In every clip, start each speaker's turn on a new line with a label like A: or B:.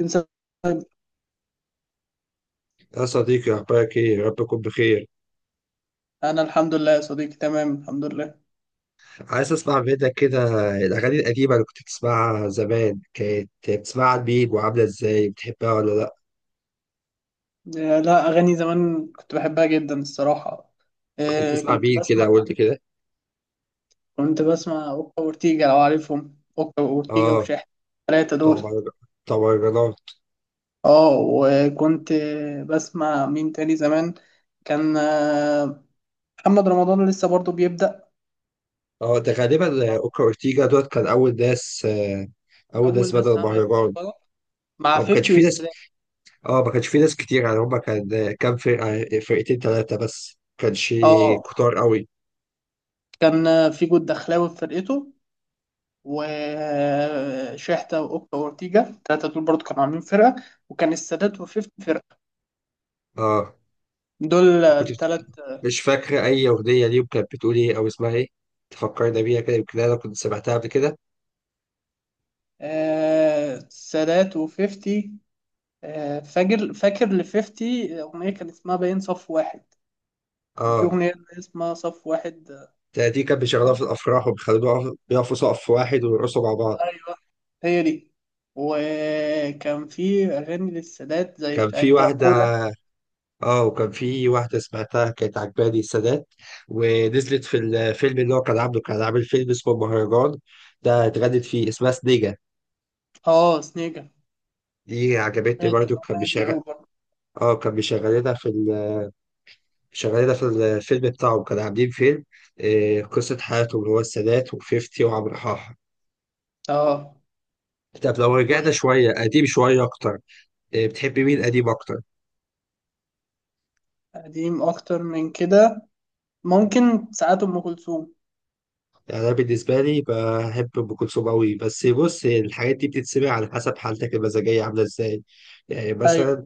A: انسى.
B: يا صديقي، أخبارك إيه؟ يا رب تكون بخير.
A: انا الحمد لله يا صديقي، تمام الحمد لله.
B: عايز أسمع منك كده. الأغاني القديمة اللي كنت بتسمعها زمان، كانت بتسمعها لمين وعاملة إزاي؟ بتحبها ولا لأ؟
A: آه، لا، اغاني زمان كنت بحبها جدا الصراحه.
B: كنت
A: آه،
B: بتسمع
A: كنت
B: مين
A: بسمع
B: كده؟ قول لي كده.
A: كنت بسمع اوكا وورتيجا، لو عارفهم، اوكا وورتيجا
B: آه،
A: وشاحن، الثلاثه
B: بتوع
A: دول.
B: مهرج- بتوع مهرجانات.
A: اه، وكنت بسمع مين تاني زمان. كان محمد رمضان لسه برضو بيبدأ.
B: آه، ده غالبا أوكا أورتيجا دوت. كان أول ناس
A: اول
B: بدأ
A: ناس عملت
B: المهرجان.
A: بركات مع
B: أو ما كانش
A: 50
B: في ناس
A: والسلام.
B: آه ما كانش في ناس كتير. يعني هما كان كام فرقة؟ فرقتين تلاتة بس، ما كانش
A: اه،
B: كتار أوي.
A: كان في جود دخلاوي في فرقته، وشحتة وأوكا وأورتيجا التلاتة دول برضو كانوا عاملين فرقة. وكان السادات وفيفتي فرقة.
B: آه.
A: دول
B: كنت بت-
A: التلات.
B: مش فاكرة أي أغنية ليهم، كانت بتقول إيه أو اسمها إيه؟ تفكرنا بيها كده، يمكن أنا كنت سمعتها قبل كده.
A: آه، السادات وفيفتي. آه، فاكر، فاكر لفيفتي أغنية كان اسمها باين صف واحد. كان في
B: آه،
A: أغنية اسمها صف واحد.
B: دي كانت بيشغلوها
A: آه،
B: في الأفراح، وبيخلوها بيقفوا سقف واحد ويرقصوا مع بعض.
A: أيوه، هي دي. وكان في أغاني للسادات زي
B: كان
A: بتاعت
B: في واحدة
A: دراكولا.
B: آه وكان في واحدة سمعتها كانت عجباني، السادات. ونزلت في الفيلم اللي هو كان عامل فيلم اسمه مهرجان، ده اتغنت فيه، اسمها سنيجة.
A: اه، سنيجا،
B: دي عجبتني
A: سمعت
B: برضه.
A: الأغنية دي أوي برضه.
B: كان بيشغلنا في شغال ده في الفيلم بتاعه. كانوا عاملين فيلم، قصة حياتهم، اللي هو السادات وفيفتي وعمرو حاحة.
A: اه،
B: طب لو رجعنا شوية قديم، شوية أكتر، بتحبي مين قديم أكتر؟
A: وقديم أكتر من كده ممكن ساعات ام كلثوم.
B: يعني أنا بالنسبة لي بحب أم كلثوم أوي، بس بص، الحاجات دي بتتسمع على حسب حالتك المزاجية عاملة إزاي. يعني
A: ايوه،
B: مثلا،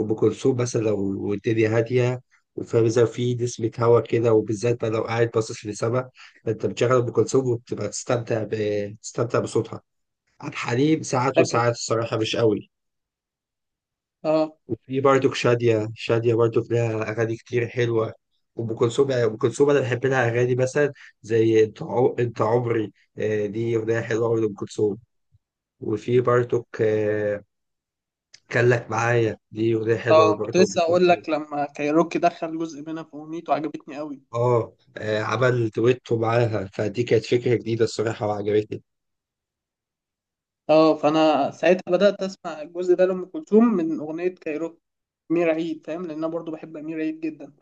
B: أم كلثوم مثلا لو الدنيا هادية، وفاهم إزاي، في نسمة هوا كده، وبالذات بقى لو قاعد باصص للسما، فأنت بتشغل أم كلثوم وبتبقى تستمتع بصوتها. عبد الحليم ساعات
A: فاكر.
B: وساعات، الصراحة مش قوي.
A: اه،
B: وفي برضك شادية برضك لها أغاني كتير حلوة. وأم كلثوم، يعني أم كلثوم أنا بحب لها أغاني، مثلا زي أنت عمري. دي أغنية حلوة أوي لأم كلثوم. وفي برضك كان لك معايا، دي أغنية حلوة
A: اه، كنت
B: برضه لأم
A: لسه اقول
B: كلثوم.
A: لك لما كايروكي دخل جزء منها في اغنيته عجبتني قوي.
B: آه، عمل دويتو معاها، فدي كانت فكرة جديدة الصراحة، وعجبتني.
A: اه، فانا ساعتها بدات اسمع الجزء ده لام كلثوم من اغنيه كايروكي، امير عيد فاهم، لان انا برضو بحب امير عيد جدا.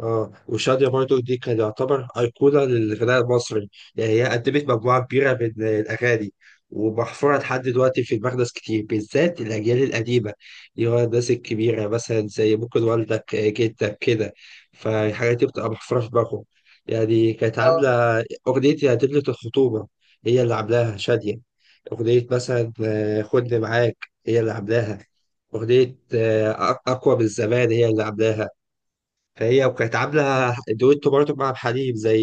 B: اه، وشادية برضو دي كان يعتبر أيقونة للغناء المصري. يعني هي قدمت مجموعة كبيرة من الأغاني، ومحفورة لحد دلوقتي في دماغ ناس كتير، بالذات الأجيال القديمة، اللي هو الناس الكبيرة مثلا، زي ممكن والدك، جدك كده، فالحاجات دي بتبقى محفورة في دماغهم. يعني كانت
A: اه،
B: عاملة أغنية يا دبلة الخطوبة، هي اللي عاملاها شادية. أغنية مثلا خدني معاك، هي اللي عاملاها. أغنية أقوى من الزمان، هي اللي عاملاها. فهي وكانت عاملة دويتو برضه مع حليم، زي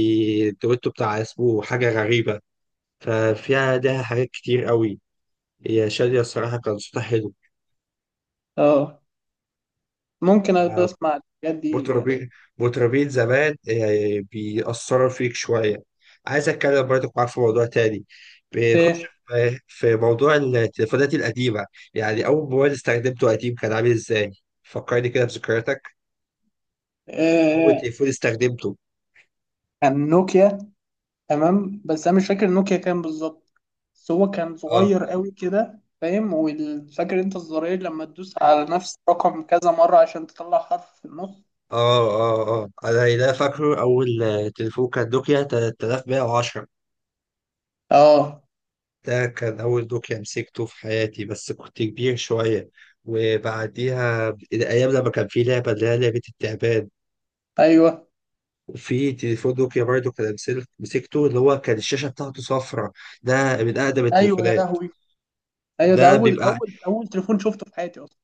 B: الدويتو بتاع اسمه حاجة غريبة. ففيها لها حاجات كتير قوي. هي شادية الصراحة كان صوتها حلو.
A: اه، ممكن أبقى اسمع الحاجات دي يعني.
B: مطربين مطربين زمان، بيأثروا فيك شوية. عايز أتكلم برضه معاك في موضوع تاني. بنخش
A: ايه؟
B: في موضوع التليفونات القديمة. يعني أول موبايل استخدمته قديم، كان عامل إزاي؟ فكرني كده بذكرياتك. أول
A: آه،
B: تليفون استخدمته؟
A: عن نوكيا، تمام، بس انا مش فاكر النوكيا كام بالظبط. بس هو كان
B: آه.
A: صغير قوي كده فاهم، وفاكر انت الزرار لما تدوس على نفس الرقم كذا مرة عشان تطلع حرف في النص.
B: اه انا ده فاكره. اول تليفون كان نوكيا 3110.
A: اه،
B: ده كان اول نوكيا مسكته في حياتي، بس كنت كبير شويه. وبعديها الايام لما كان في لعبه، اللي هي لعبه التعبان،
A: ايوه،
B: وفي تليفون نوكيا برضه كان مسكته، اللي هو كان الشاشه بتاعته صفرة. ده من اقدم
A: ايوه، يا
B: التليفونات.
A: لهوي. ايوه، ده
B: ده
A: اول
B: بيبقى
A: اول اول تليفون شفته في حياتي اصلا.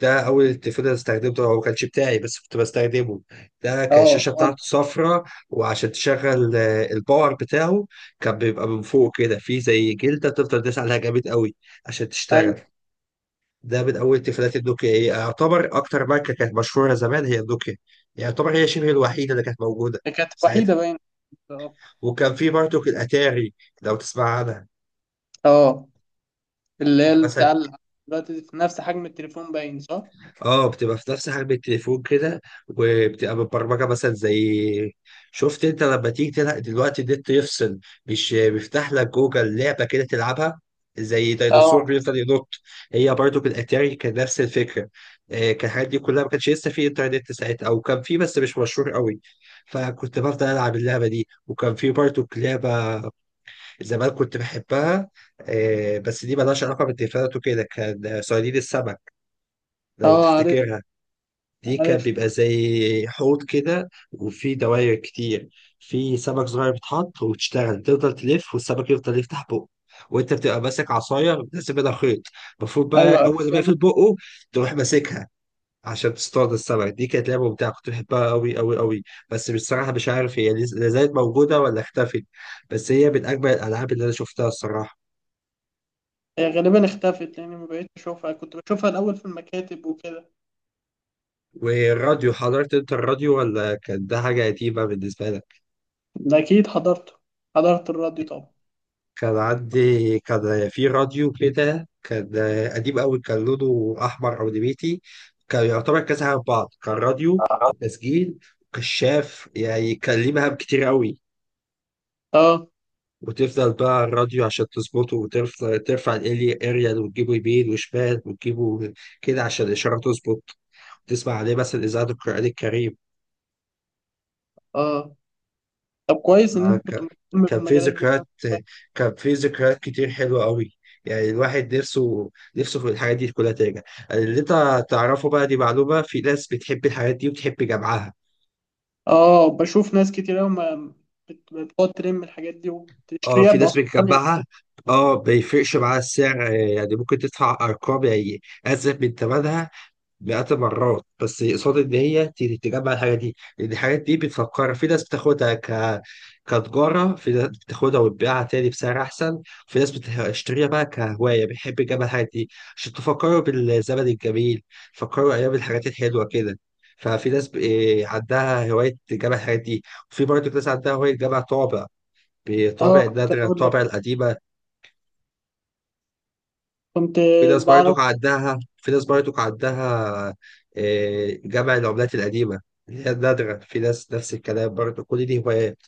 B: ده اول التليفون اللي استخدمته، هو ما كانش بتاعي بس كنت بستخدمه. ده كان
A: اه،
B: الشاشه
A: وانا،
B: بتاعته صفراء. وعشان تشغل الباور بتاعه، كان بيبقى من فوق كده في زي جلده، تفضل تدوس عليها جامد قوي عشان
A: ايوه،
B: تشتغل. ده من اول التليفونات. النوكيا هي يعتبر اكتر ماركه كانت مشهوره زمان، هي النوكيا. يعتبر هي شبه الوحيده اللي كانت موجوده
A: دي كانت
B: ساعتها.
A: وحيدة باين. اه.
B: وكان في برضه الاتاري، لو تسمع عنها.
A: آه. اللي
B: يعني
A: هي
B: مثلا،
A: بتاع دلوقتي في نفس حجم التليفون، باين صح؟
B: اه، بتبقى في نفس حجم التليفون كده، وبتبقى مبرمجه، مثلا زي، شفت انت لما تيجي تلعب دلوقتي، النت يفصل، مش بيفتح لك جوجل لعبه كده تلعبها، زي ديناصور
A: اه،
B: بيفضل ينط. هي برضو بالاتاري كان نفس الفكره. كان الحاجات دي كلها ما كانش لسه في انترنت ساعتها، او كان في بس مش مشهور قوي. فكنت بفضل العب اللعبه دي. وكان في برضو لعبه زمان كنت بحبها، بس دي ملهاش علاقه بالتليفونات وكده، كان صيادين السمك، لو
A: اه، عارف،
B: تفتكرها. دي كان
A: عارف،
B: بيبقى زي حوض كده، وفي دواير كتير، في سمك صغير بيتحط، وتشتغل تفضل تلف، والسمك يفضل يفتح بقه، وانت بتبقى ماسك عصايه لازم منها خيط، المفروض
A: ايوه،
B: بقى
A: عارف.
B: اول ما يقفل بقه تروح ماسكها عشان تصطاد السمك. دي كانت لعبه ممتعه، كنت بحبها قوي قوي قوي. بس بصراحه مش عارف هي لا زالت موجوده ولا اختفت. بس هي من اجمل الالعاب اللي انا شفتها الصراحه.
A: هي غالبا اختفت لاني ما بقيتش اشوفها، كنت بشوفها الاول في المكاتب وكده.
B: والراديو، حضرت انت الراديو؟ ولا كان ده حاجه قديمه بالنسبه لك؟
A: ده اكيد حضرته، حضرت الراديو طبعا.
B: كان في راديو كده، كان قديم قوي، كان لونه احمر او نبيتي. كان يعتبر كذا حاجه في بعض، كان راديو
A: آه،
B: وتسجيل وكشاف، يعني كان ليه مهام كتير قوي.
A: اه،
B: وتفضل بقى الراديو عشان تظبطه، وترفع الاريال، وتجيبه يمين وشمال، وتجيبه كده عشان الاشاره تظبط. تسمع عليه مثلا اذاعه القران الكريم.
A: اه، طب كويس ان
B: آه،
A: انت كنت
B: ك-
A: مهتم
B: كان في
A: بالمجالات دي.
B: ذكريات كتير حلوة قوي. يعني الواحد نفسه، في الحاجات دي كلها ترجع. اللي انت تعرفه بقى، دي معلومة، في ناس بتحب الحاجات دي وبتحب جمعها.
A: اه، بشوف ناس كتير قوي ما بتقعد ترم الحاجات دي
B: اه،
A: وتشتريها
B: في ناس
A: باسعار غاليه.
B: بتجمعها. اه، ما يفرقش معاها السعر. يعني ممكن تدفع ارقام، يعني ازيد من ثمنها مئات المرات، بس قصاد ان هي تجمع الحاجه دي. لان الحاجات دي بتفكر، في ناس بتاخدها كتجاره، في ناس بتاخدها وتبيعها تاني بسعر احسن، في ناس بتشتريها بقى كهوايه، بيحب يجمع الحاجات دي عشان تفكروا بالزمن الجميل، تفكروا ايام الحاجات الحلوه كده. ففي ناس ب- إيه، عندها هوايه تجمع الحاجات دي. وفي برضه ناس عندها هوايه تجمع طابع،
A: اه، كنت
B: النادرة،
A: اقول لك،
B: الطابع القديمة.
A: كنت بعرف.
B: في ناس برضك عندها جمع العملات القديمة، اللي هي النادرة. في ناس نفس الكلام برضه، كل دي هوايات.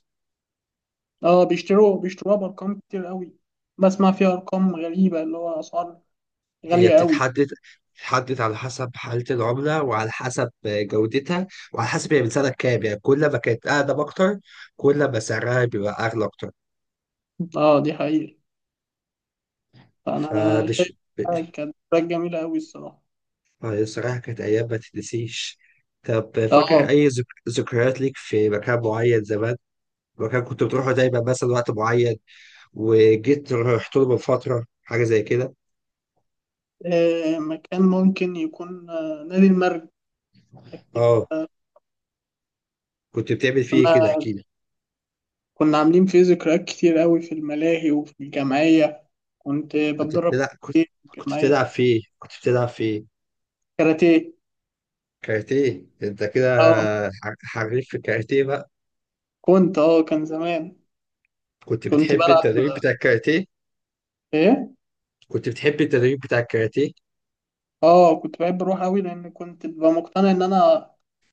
A: اه، بيشتروها بارقام كتير قوي. بسمع فيها ارقام غريبه اللي هو اسعار
B: هي
A: غاليه قوي.
B: بتتحدد على حسب حالة العملة، وعلى حسب جودتها، وعلى حسب هي من سنة كام. يعني كل ما كانت أقدم أكتر، كل ما سعرها بيبقى أغلى أكتر.
A: اه، دي حقيقه، فانا شايف
B: فمش
A: إنها
B: مش-
A: كانت حاجه جميله قوي الصراحه.
B: آه، الصراحة كانت أيام ما تتنسيش. طب، فاكر
A: اه،
B: أي ذكريات ليك في مكان معين زمان؟ مكان كنت بتروحه دايما مثلا، وقت معين، وجيت رحت له من فترة، حاجة زي كده.
A: مكان ممكن يكون نادي المرج. أكيد
B: اه،
A: أنت،
B: كنت بتعمل فيه ايه كده؟
A: كنا
B: احكي لي.
A: كنا عاملين فيه ذكريات كتير قوي في الملاهي وفي الجمعية. كنت
B: كنت
A: بتدرب
B: بتلعب كنت
A: كتير في الجمعية
B: كنت بتلعب فيه
A: كاراتيه.
B: كاراتيه. انت كده
A: اه،
B: حريف في الكاراتيه بقى؟
A: كنت اه كان زمان،
B: كنت
A: كنت
B: بتحب
A: بلعب
B: التدريب بتاع الكاراتيه
A: ايه،
B: كنت بتحب التدريب بتاع الكاراتيه؟
A: اه كنت بحب اروح قوي لان كنت ببقى مقتنع ان انا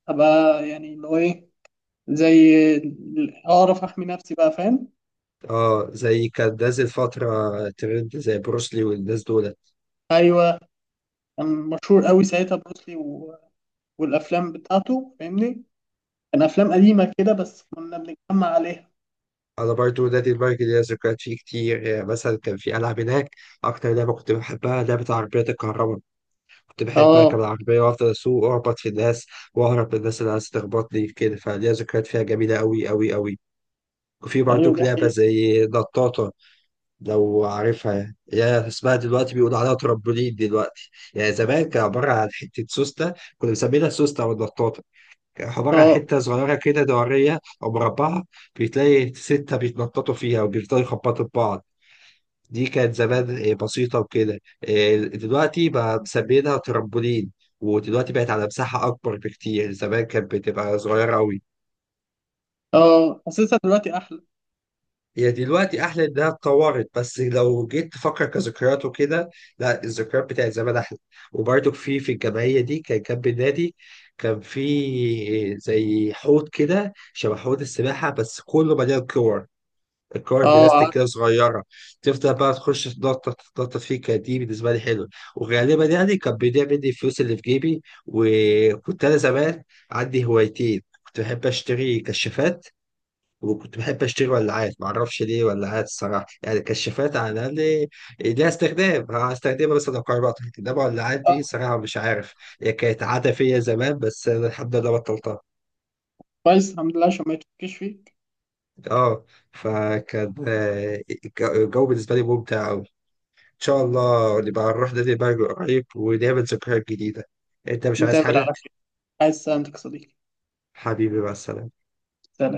A: ابقى يعني اللي هو ايه، زي اعرف احمي نفسي بقى فاهم.
B: اه، زي كان نازل فترة ترند زي بروسلي والناس دول.
A: ايوه، كان مشهور قوي ساعتها بروسلي والافلام بتاعته فاهمني، كان افلام قديمه كده بس كنا بنتجمع عليها.
B: انا برضو نادي المرج ليا ذكريات فيه كتير. يعني مثلا كان في العاب هناك، اكتر لعبة كنت بحبها لعبة عربيات الكهرباء. كنت بحب
A: اه،
B: أركب العربية وأفضل أسوق وأخبط في الناس، وأهرب من الناس اللي عايزة تخبطني كده، فليا ذكريات فيها جميلة أوي أوي أوي. وفي
A: ايوه،
B: برضك
A: دي
B: لعبة
A: حقيقة.
B: زي نطاطة، لو عارفها. يا اسمها دلوقتي بيقولوا عليها ترامبولين دلوقتي. يعني زمان كان عبارة عن حتة سوستة، كنا بنسميها سوستة أو النطاطة. كان عبارة عن
A: اه،
B: حتة صغيرة كده، دورية أو مربعة، بتلاقي ستة بيتنططوا فيها وبيفضلوا يخبطوا في بعض. دي كانت زمان بسيطة وكده. دلوقتي بقى مسمينها ترامبولين، ودلوقتي بقت على مساحة أكبر بكتير. زمان كانت بتبقى صغيرة أوي.
A: اه، حاسسها دلوقتي احلى.
B: هي دلوقتي أحلى إنها اتطورت، بس لو جيت تفكر كذكريات وكده، لا، الذكريات بتاعت زمان أحلى. وبرده في الجمعية دي كان جنب النادي، كان في زي حوض كده شبه حوض السباحة، بس كله مليان كور، الكور
A: اه،
B: بلاستيك
A: عارف.
B: كده صغيره. تفضل بقى تخش تنطط تنطط فيه. كانت دي بالنسبه لي حلوه. وغالبا يعني كان بيضيع مني الفلوس اللي في جيبي. وكنت انا زمان عندي هوايتين، كنت بحب اشتري كشافات، وكنت بحب اشتري ولاعات. ما اعرفش ليه ولاعات الصراحه. يعني كشافات على الاقل ليها استخدام، هستخدمها مثلا لو قربت، انما ولاعات
A: اه،
B: دي صراحه مش عارف. هي كانت عاده فيا زمان، بس أنا الحمد لله بطلتها.
A: كويس الحمد لله عشان ما يتفكش فيك.
B: اه. فكان الجو بالنسبه لي ممتع. ان شاء الله نبقى نروح نادي البرج قريب ونعمل ذكريات جديدة. انت مش عايز
A: نتقابل
B: حاجة؟
A: على خير، عايز سلامتك يا صديقي.
B: حبيبي، مع السلامة.
A: سلام.